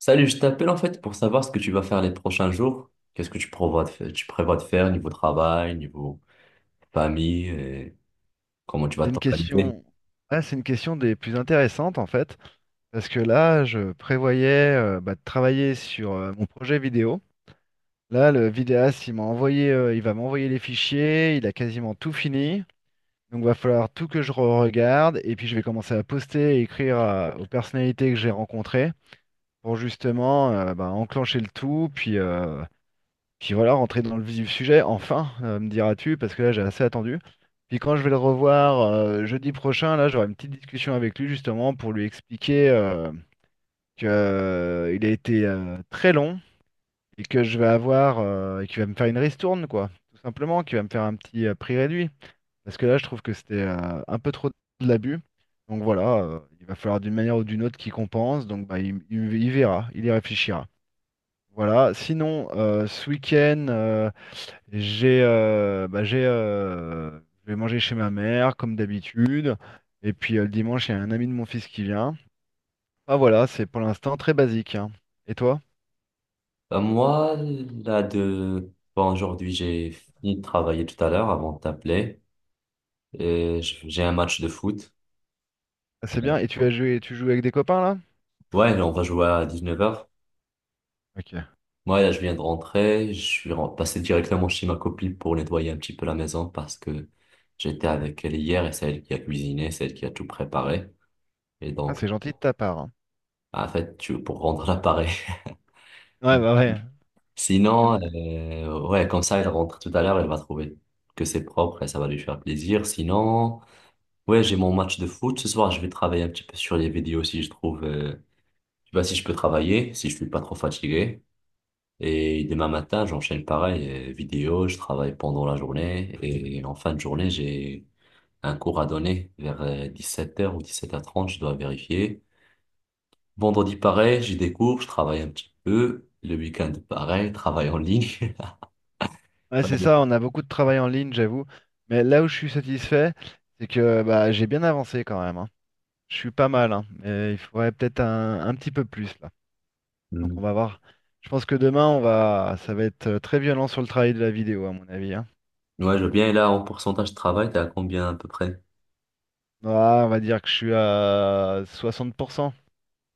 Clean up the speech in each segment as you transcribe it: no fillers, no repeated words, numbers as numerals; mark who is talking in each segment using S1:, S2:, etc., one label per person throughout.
S1: Salut, je t'appelle en fait pour savoir ce que tu vas faire les prochains jours. Qu'est-ce que tu prévois de faire, tu prévois de faire niveau travail, niveau famille et comment tu vas
S2: C'est une
S1: t'organiser?
S2: question, ah, c'est une question des plus intéressantes en fait, parce que là, je prévoyais de travailler sur mon projet vidéo. Là, le vidéaste, il va m'envoyer les fichiers, il a quasiment tout fini. Donc, va falloir tout que je regarde et puis je vais commencer à poster et écrire aux personnalités que j'ai rencontrées pour justement enclencher le tout, puis voilà, rentrer dans le vif du sujet, enfin, me diras-tu, parce que là j'ai assez attendu. Puis quand je vais le revoir jeudi prochain, là j'aurai une petite discussion avec lui justement pour lui expliquer que il a été très long et que je vais avoir et qu'il va me faire une ristourne quoi, tout simplement, qu'il va me faire un petit prix réduit. Parce que là je trouve que c'était un peu trop de l'abus. Donc voilà, il va falloir d'une manière ou d'une autre qu'il compense. Donc bah, il verra, il y réfléchira. Voilà. Sinon, ce week-end, j'ai bah, j'ai je vais manger chez ma mère comme d'habitude. Et puis le dimanche, il y a un ami de mon fils qui vient. Ah voilà, c'est pour l'instant très basique, hein. Et toi?
S1: Ben, moi, là de bon, aujourd'hui, j'ai fini de travailler tout à l'heure avant de t'appeler et j'ai un match de foot.
S2: Ah, c'est bien. Et tu joues avec des copains là?
S1: Ouais, là, on va jouer à 19 heures.
S2: Ok.
S1: Moi, là, je viens de rentrer, je suis passé directement chez ma copine pour nettoyer un petit peu la maison parce que j'étais avec elle hier et c'est elle qui a cuisiné, c'est elle qui a tout préparé. Et
S2: Ah,
S1: donc,
S2: c'est gentil de ta part, hein.
S1: ah, en fait, tu, pour rendre l'appareil.
S2: Ouais, bah ouais. y en
S1: Sinon,
S2: a-
S1: ouais, comme ça, elle rentre tout à l'heure, elle va trouver que c'est propre et ça va lui faire plaisir. Sinon, ouais, j'ai mon match de foot ce soir. Je vais travailler un petit peu sur les vidéos si je trouve, tu vois, si je peux travailler, si je suis pas trop fatigué. Et demain matin, j'enchaîne pareil, vidéo, je travaille pendant la journée et en fin de journée, j'ai un cours à donner vers 17 heures ou 17h30, je dois vérifier. Vendredi, pareil, j'y découvre, je travaille un petit peu. Le week-end, pareil, travail en ligne.
S2: Ouais, c'est ça, on a beaucoup de travail en ligne, j'avoue. Mais là où je suis satisfait, c'est que bah, j'ai bien avancé quand même, hein. Je suis pas mal, hein. Mais il faudrait peut-être un petit peu plus là. Donc
S1: Hmm.
S2: on va voir. Je pense que demain, ça va être très violent sur le travail de la vidéo, à mon avis, hein.
S1: Ouais, je veux bien. Et là, en pourcentage de travail, t'es à combien à peu près?
S2: Ah, on va dire que je suis à 60%.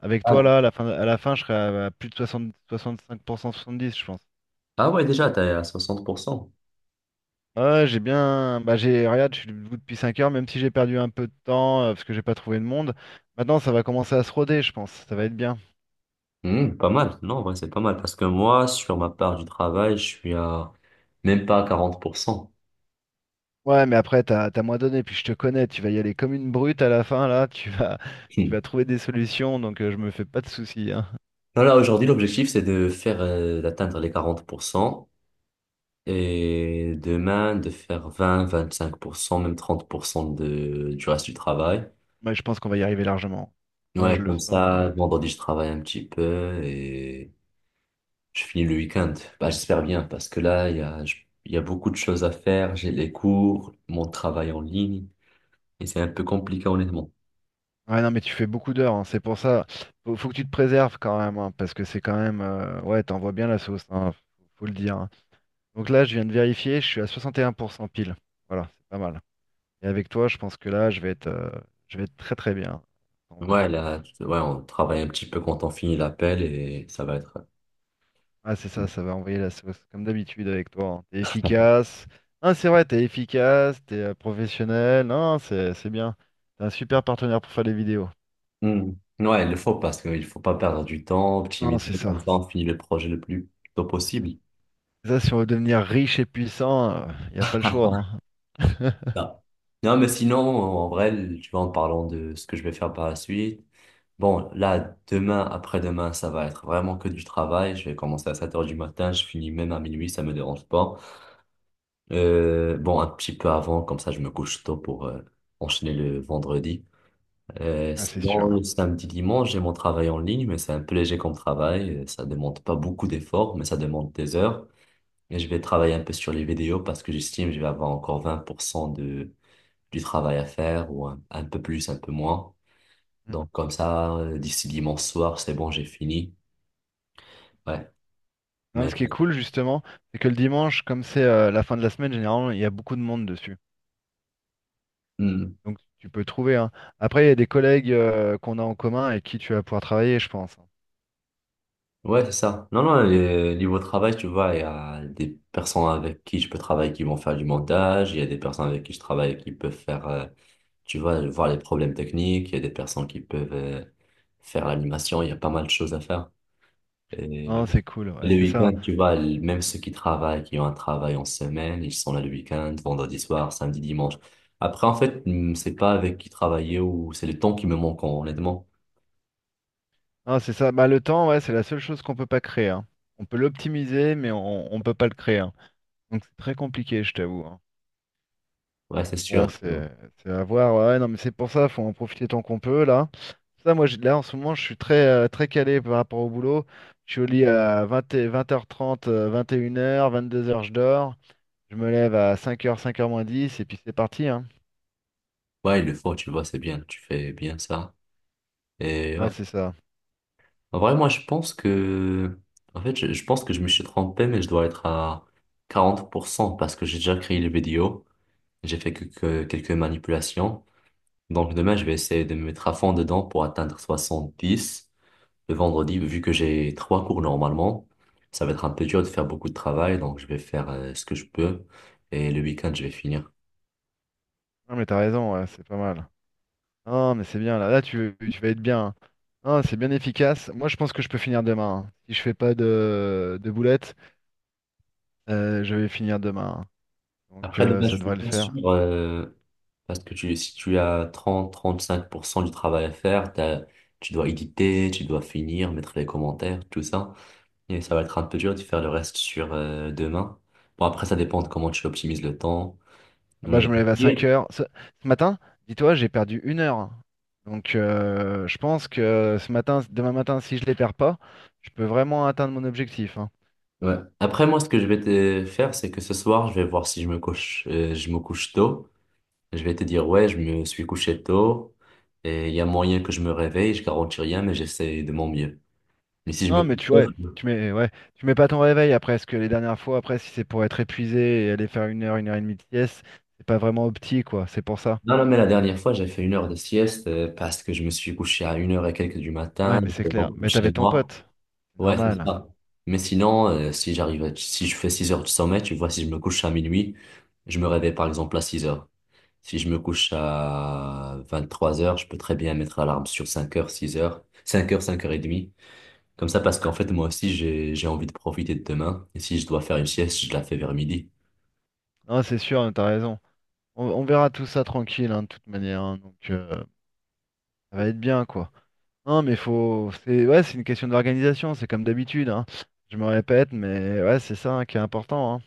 S2: Avec toi,
S1: Ah,
S2: là, à la fin, je serai à plus de 60, 65%, 70, je pense.
S1: ah ouais, déjà, t'es à 60%.
S2: Ouais, j'ai bien. Bah, j'ai. Regarde, je suis debout depuis 5h, même si j'ai perdu un peu de temps parce que j'ai pas trouvé de monde. Maintenant, ça va commencer à se roder, je pense. Ça va être bien.
S1: Hmm, pas mal. Non, en vrai, c'est pas mal. Parce que moi, sur ma part du travail, je suis à même pas à 40%.
S2: Ouais, mais après, t'as moins donné, puis je te connais. Tu vas y aller comme une brute à la fin, là. Tu vas, tu
S1: Hmm.
S2: vas trouver des solutions, donc je me fais pas de soucis, hein.
S1: Non, là, aujourd'hui, l'objectif, c'est de faire, d'atteindre les 40% et demain, de faire 20, 25%, même 30% de, du reste du travail.
S2: Moi, je pense qu'on va y arriver largement. Moi, je
S1: Ouais,
S2: le
S1: comme
S2: sens.
S1: ça, vendredi, je travaille un petit peu et je finis le week-end. Bah, j'espère bien parce que là, il y a, il y a beaucoup de choses à faire. J'ai les cours, mon travail en ligne et c'est un peu compliqué, honnêtement.
S2: Ouais, non, mais tu fais beaucoup d'heures, hein. C'est pour ça. Faut que tu te préserves quand même, hein, parce que c'est quand même. Ouais, t'envoies bien la sauce, hein. Faut le dire, hein. Donc là, je viens de vérifier. Je suis à 61% pile. Voilà, c'est pas mal. Et avec toi, je pense que là, je vais être très très bien. On va
S1: Ouais,
S2: finir.
S1: là, ouais, on travaille un petit peu quand on finit l'appel et ça va être.
S2: Ah, c'est ça. Ça va envoyer la sauce, comme d'habitude avec toi, hein. T'es efficace. Ah, c'est vrai. T'es efficace. T'es professionnel. Non, c'est bien. T'es un super partenaire pour faire des vidéos.
S1: Hmm. Ouais, il le faut parce qu'il faut pas perdre du temps,
S2: Non,
S1: optimiser,
S2: c'est ça.
S1: comme ça, on finit le projet le plus tôt possible.
S2: Ça, si on veut devenir riche et puissant, il n'y a pas le choix, hein.
S1: Là. Non, mais sinon, en vrai, tu vois, en parlant de ce que je vais faire par la suite. Bon, là, demain, après-demain, ça va être vraiment que du travail. Je vais commencer à 7 heures du matin, je finis même à minuit, ça me dérange pas. Bon, un petit peu avant, comme ça, je me couche tôt pour enchaîner le vendredi.
S2: Ah, c'est
S1: Sinon,
S2: sûr.
S1: le samedi, dimanche, j'ai mon travail en ligne, mais c'est un peu léger comme travail. Ça demande pas beaucoup d'efforts, mais ça demande des heures. Et je vais travailler un peu sur les vidéos parce que j'estime que je vais avoir encore 20% de, du travail à faire, ou un peu plus, un peu moins.
S2: Mm.
S1: Donc comme ça, d'ici dimanche soir, c'est bon, j'ai fini. Ouais,
S2: Non, mais
S1: mais
S2: ce qui est cool, justement, c'est que le dimanche, comme c'est la fin de la semaine, généralement, il y a beaucoup de monde dessus.
S1: hmm,
S2: Donc, tu peux trouver, hein. Après, il y a des collègues qu'on a en commun et qui tu vas pouvoir travailler, je pense, hein.
S1: ouais, c'est ça. Non, non, niveau travail, tu vois, il y a des personnes avec qui je peux travailler qui vont faire du montage, il y a des personnes avec qui je travaille qui peuvent faire, tu vois, voir les problèmes techniques, il y a des personnes qui peuvent faire l'animation, il y a pas mal de choses à faire. Et
S2: Non, c'est cool. Ouais,
S1: le
S2: c'est ça, hein.
S1: week-end, tu vois, même ceux qui travaillent, qui ont un travail en semaine, ils sont là le week-end, vendredi soir, samedi, dimanche. Après, en fait, c'est pas avec qui travailler ou c'est le temps qui me manque, honnêtement.
S2: Non, c'est ça. Bah, le temps, ouais, c'est la seule chose qu'on peut pas créer, hein. On peut l'optimiser, mais on ne peut pas le créer, hein. Donc, c'est très compliqué, je t'avoue, hein.
S1: Ouais,
S2: Donc
S1: c'est
S2: bon,
S1: sûr.
S2: c'est à voir. Ouais, non, mais c'est pour ça, faut en profiter tant qu'on peut là. Ça, moi, là en ce moment, je suis très très calé par rapport au boulot. Je suis au lit à 20h, 20h30, 21h, 22h, je dors. Je me lève à 5h, 5h moins 10 et puis c'est parti, hein.
S1: Ouais, il le faut, tu vois, c'est bien, tu fais bien ça. Et
S2: Non,
S1: ouais.
S2: c'est ça.
S1: En vrai, moi, je pense que, en fait, je pense que je me suis trompé, mais je dois être à 40% parce que j'ai déjà créé les vidéos. J'ai fait que quelques manipulations. Donc, demain, je vais essayer de me mettre à fond dedans pour atteindre 70. Le vendredi, vu que j'ai trois cours normalement, ça va être un peu dur de faire beaucoup de travail, donc je vais faire ce que je peux. Et le week-end, je vais finir.
S2: Non, mais t'as raison, ouais, c'est pas mal. Non, mais c'est bien là. Là, tu vas être bien, hein. Non, c'est bien efficace. Moi, je pense que je peux finir demain, hein. Si je fais pas de boulettes, je vais finir demain, hein. Donc
S1: Après, demain,
S2: ça
S1: je suis
S2: devrait le
S1: pas
S2: faire.
S1: sûr. Parce que tu, si tu as 30-35% du travail à faire, tu dois éditer, tu dois finir, mettre les commentaires, tout ça. Et ça va être un peu dur de faire le reste sur demain. Bon, après, ça dépend de comment tu optimises le temps.
S2: Ah bah, je
S1: Mais-
S2: me lève à 5h. Ce matin, dis-toi, j'ai perdu 1h. Donc je pense que ce matin, demain matin, si je les perds pas, je peux vraiment atteindre mon objectif, hein.
S1: Ouais. Après, moi, ce que je vais te faire, c'est que ce soir, je vais voir si je me couche, je me couche tôt. Je vais te dire, ouais, je me suis couché tôt. Et il y a moyen que je me réveille, je garantis rien, mais j'essaie de mon mieux. Mais si je
S2: Non,
S1: me
S2: mais
S1: couche
S2: tu
S1: tôt.
S2: ouais, ouais, tu mets pas ton réveil après, parce que les dernières fois, après, si c'est pour être épuisé et aller faire une heure et demie de sieste, c'est pas vraiment opti, quoi. C'est pour ça.
S1: Non, non, mais la dernière fois, j'ai fait une heure de sieste parce que je me suis couché à une heure et quelques du matin,
S2: Ouais, mais c'est
S1: j'étais pas
S2: clair. Mais t'avais
S1: chez
S2: ton
S1: moi.
S2: pote. C'est
S1: Ouais, c'est
S2: normal.
S1: ça. Mais sinon, si j'arrive à- si je fais 6 heures de sommeil, tu vois, si je me couche à minuit, je me réveille par exemple à 6 heures. Si je me couche à 23 heures, je peux très bien mettre l'alarme sur 5 heures, 6 heures, 5 heures, 5 heures et demie. Comme ça, parce qu'en fait, moi aussi, j'ai envie de profiter de demain. Et si je dois faire une sieste, je la fais vers midi.
S2: Non, c'est sûr, t'as raison. On verra tout ça tranquille, hein, de toute manière, hein, donc, ça va être bien, quoi. Non, mais faut. C'est ouais, c'est une question d'organisation, c'est comme d'habitude, hein. Je me répète, mais ouais, c'est ça, hein, qui est important, hein.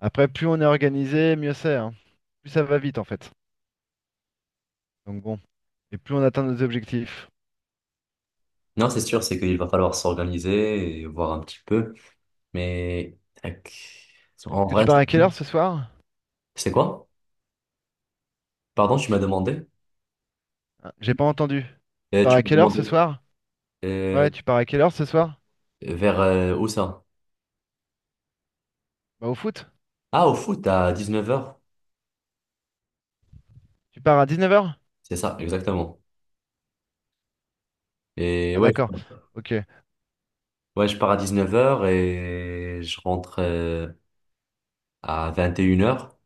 S2: Après, plus on est organisé, mieux c'est, hein. Plus ça va vite, en fait. Donc bon. Et plus on atteint nos objectifs.
S1: Non, c'est sûr, c'est qu'il va falloir s'organiser et voir un petit peu. Mais tac. En
S2: Est-ce que tu
S1: vrai,
S2: pars à quelle heure ce soir?
S1: c'est quoi? Pardon, tu m'as demandé?
S2: Ah, j'ai pas entendu. Tu
S1: Euh,
S2: pars
S1: tu
S2: à
S1: m'as
S2: quelle heure
S1: demandé
S2: ce soir?
S1: euh,
S2: Ouais, tu pars à quelle heure ce soir?
S1: vers où ça?
S2: Bah au foot?
S1: Ah, au foot à 19 heures.
S2: Tu pars à 19h?
S1: C'est ça, exactement. Et
S2: Ah
S1: ouais,
S2: d'accord. Ok.
S1: ouais, je pars à 19 heures et je rentre à 21 heures.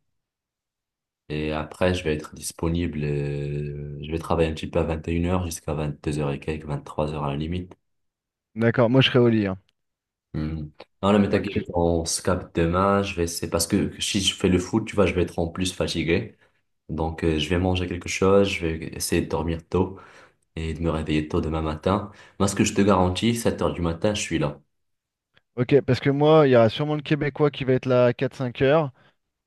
S1: Et après, je vais être disponible. Je vais travailler un petit peu à 21 heures jusqu'à 22 heures et quelques, 23 heures à la limite.
S2: D'accord, moi je serai au lit, hein.
S1: Hmm. Non, non, mais
S2: Faudra que
S1: t'inquiète,
S2: tu.
S1: on se capte demain. Je vais, c'est parce que si je fais le foot, tu vois, je vais être en plus fatigué. Donc, je vais manger quelque chose, je vais essayer de dormir tôt et de me réveiller tôt demain matin. Moi, ce que je te garantis, 7 heures du matin, je suis là.
S2: Ok, parce que moi, il y aura sûrement le Québécois qui va être là à 4, 5h.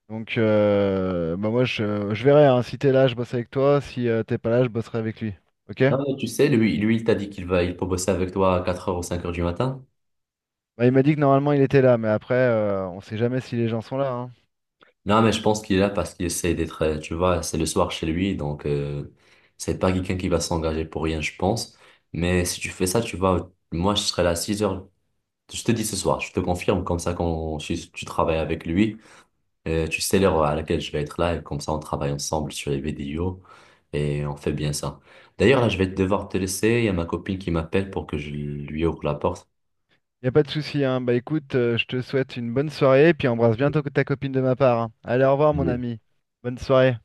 S2: Donc, bah moi, je verrai, hein. Si t'es là, je bosse avec toi. Si t'es pas là, je bosserai avec lui. Ok?
S1: Non, mais tu sais, lui, il t'a dit qu'il va, il peut bosser avec toi à 4 heures ou 5 heures du matin.
S2: Bah, il m'a dit que normalement, il était là. Mais après, on sait jamais si les gens sont là. Hein.
S1: Non, mais je pense qu'il est là parce qu'il essaie d'être, tu vois, c'est le soir chez lui, donc, c'est pas quelqu'un qui va s'engager pour rien, je pense. Mais si tu fais ça, tu vois, moi, je serai là à 6h. Je te dis ce soir, je te confirme, comme ça quand tu travailles avec lui, tu sais l'heure à laquelle je vais être là, et comme ça on travaille ensemble sur les vidéos, et on fait bien ça. D'ailleurs, là, je vais devoir te laisser, il y a ma copine qui m'appelle pour que je lui ouvre la porte.
S2: Y a pas de souci. Hein. Bah écoute, je te souhaite une bonne soirée. Puis embrasse bien ta copine de ma part, hein. Allez, au revoir, mon ami. Bonne soirée.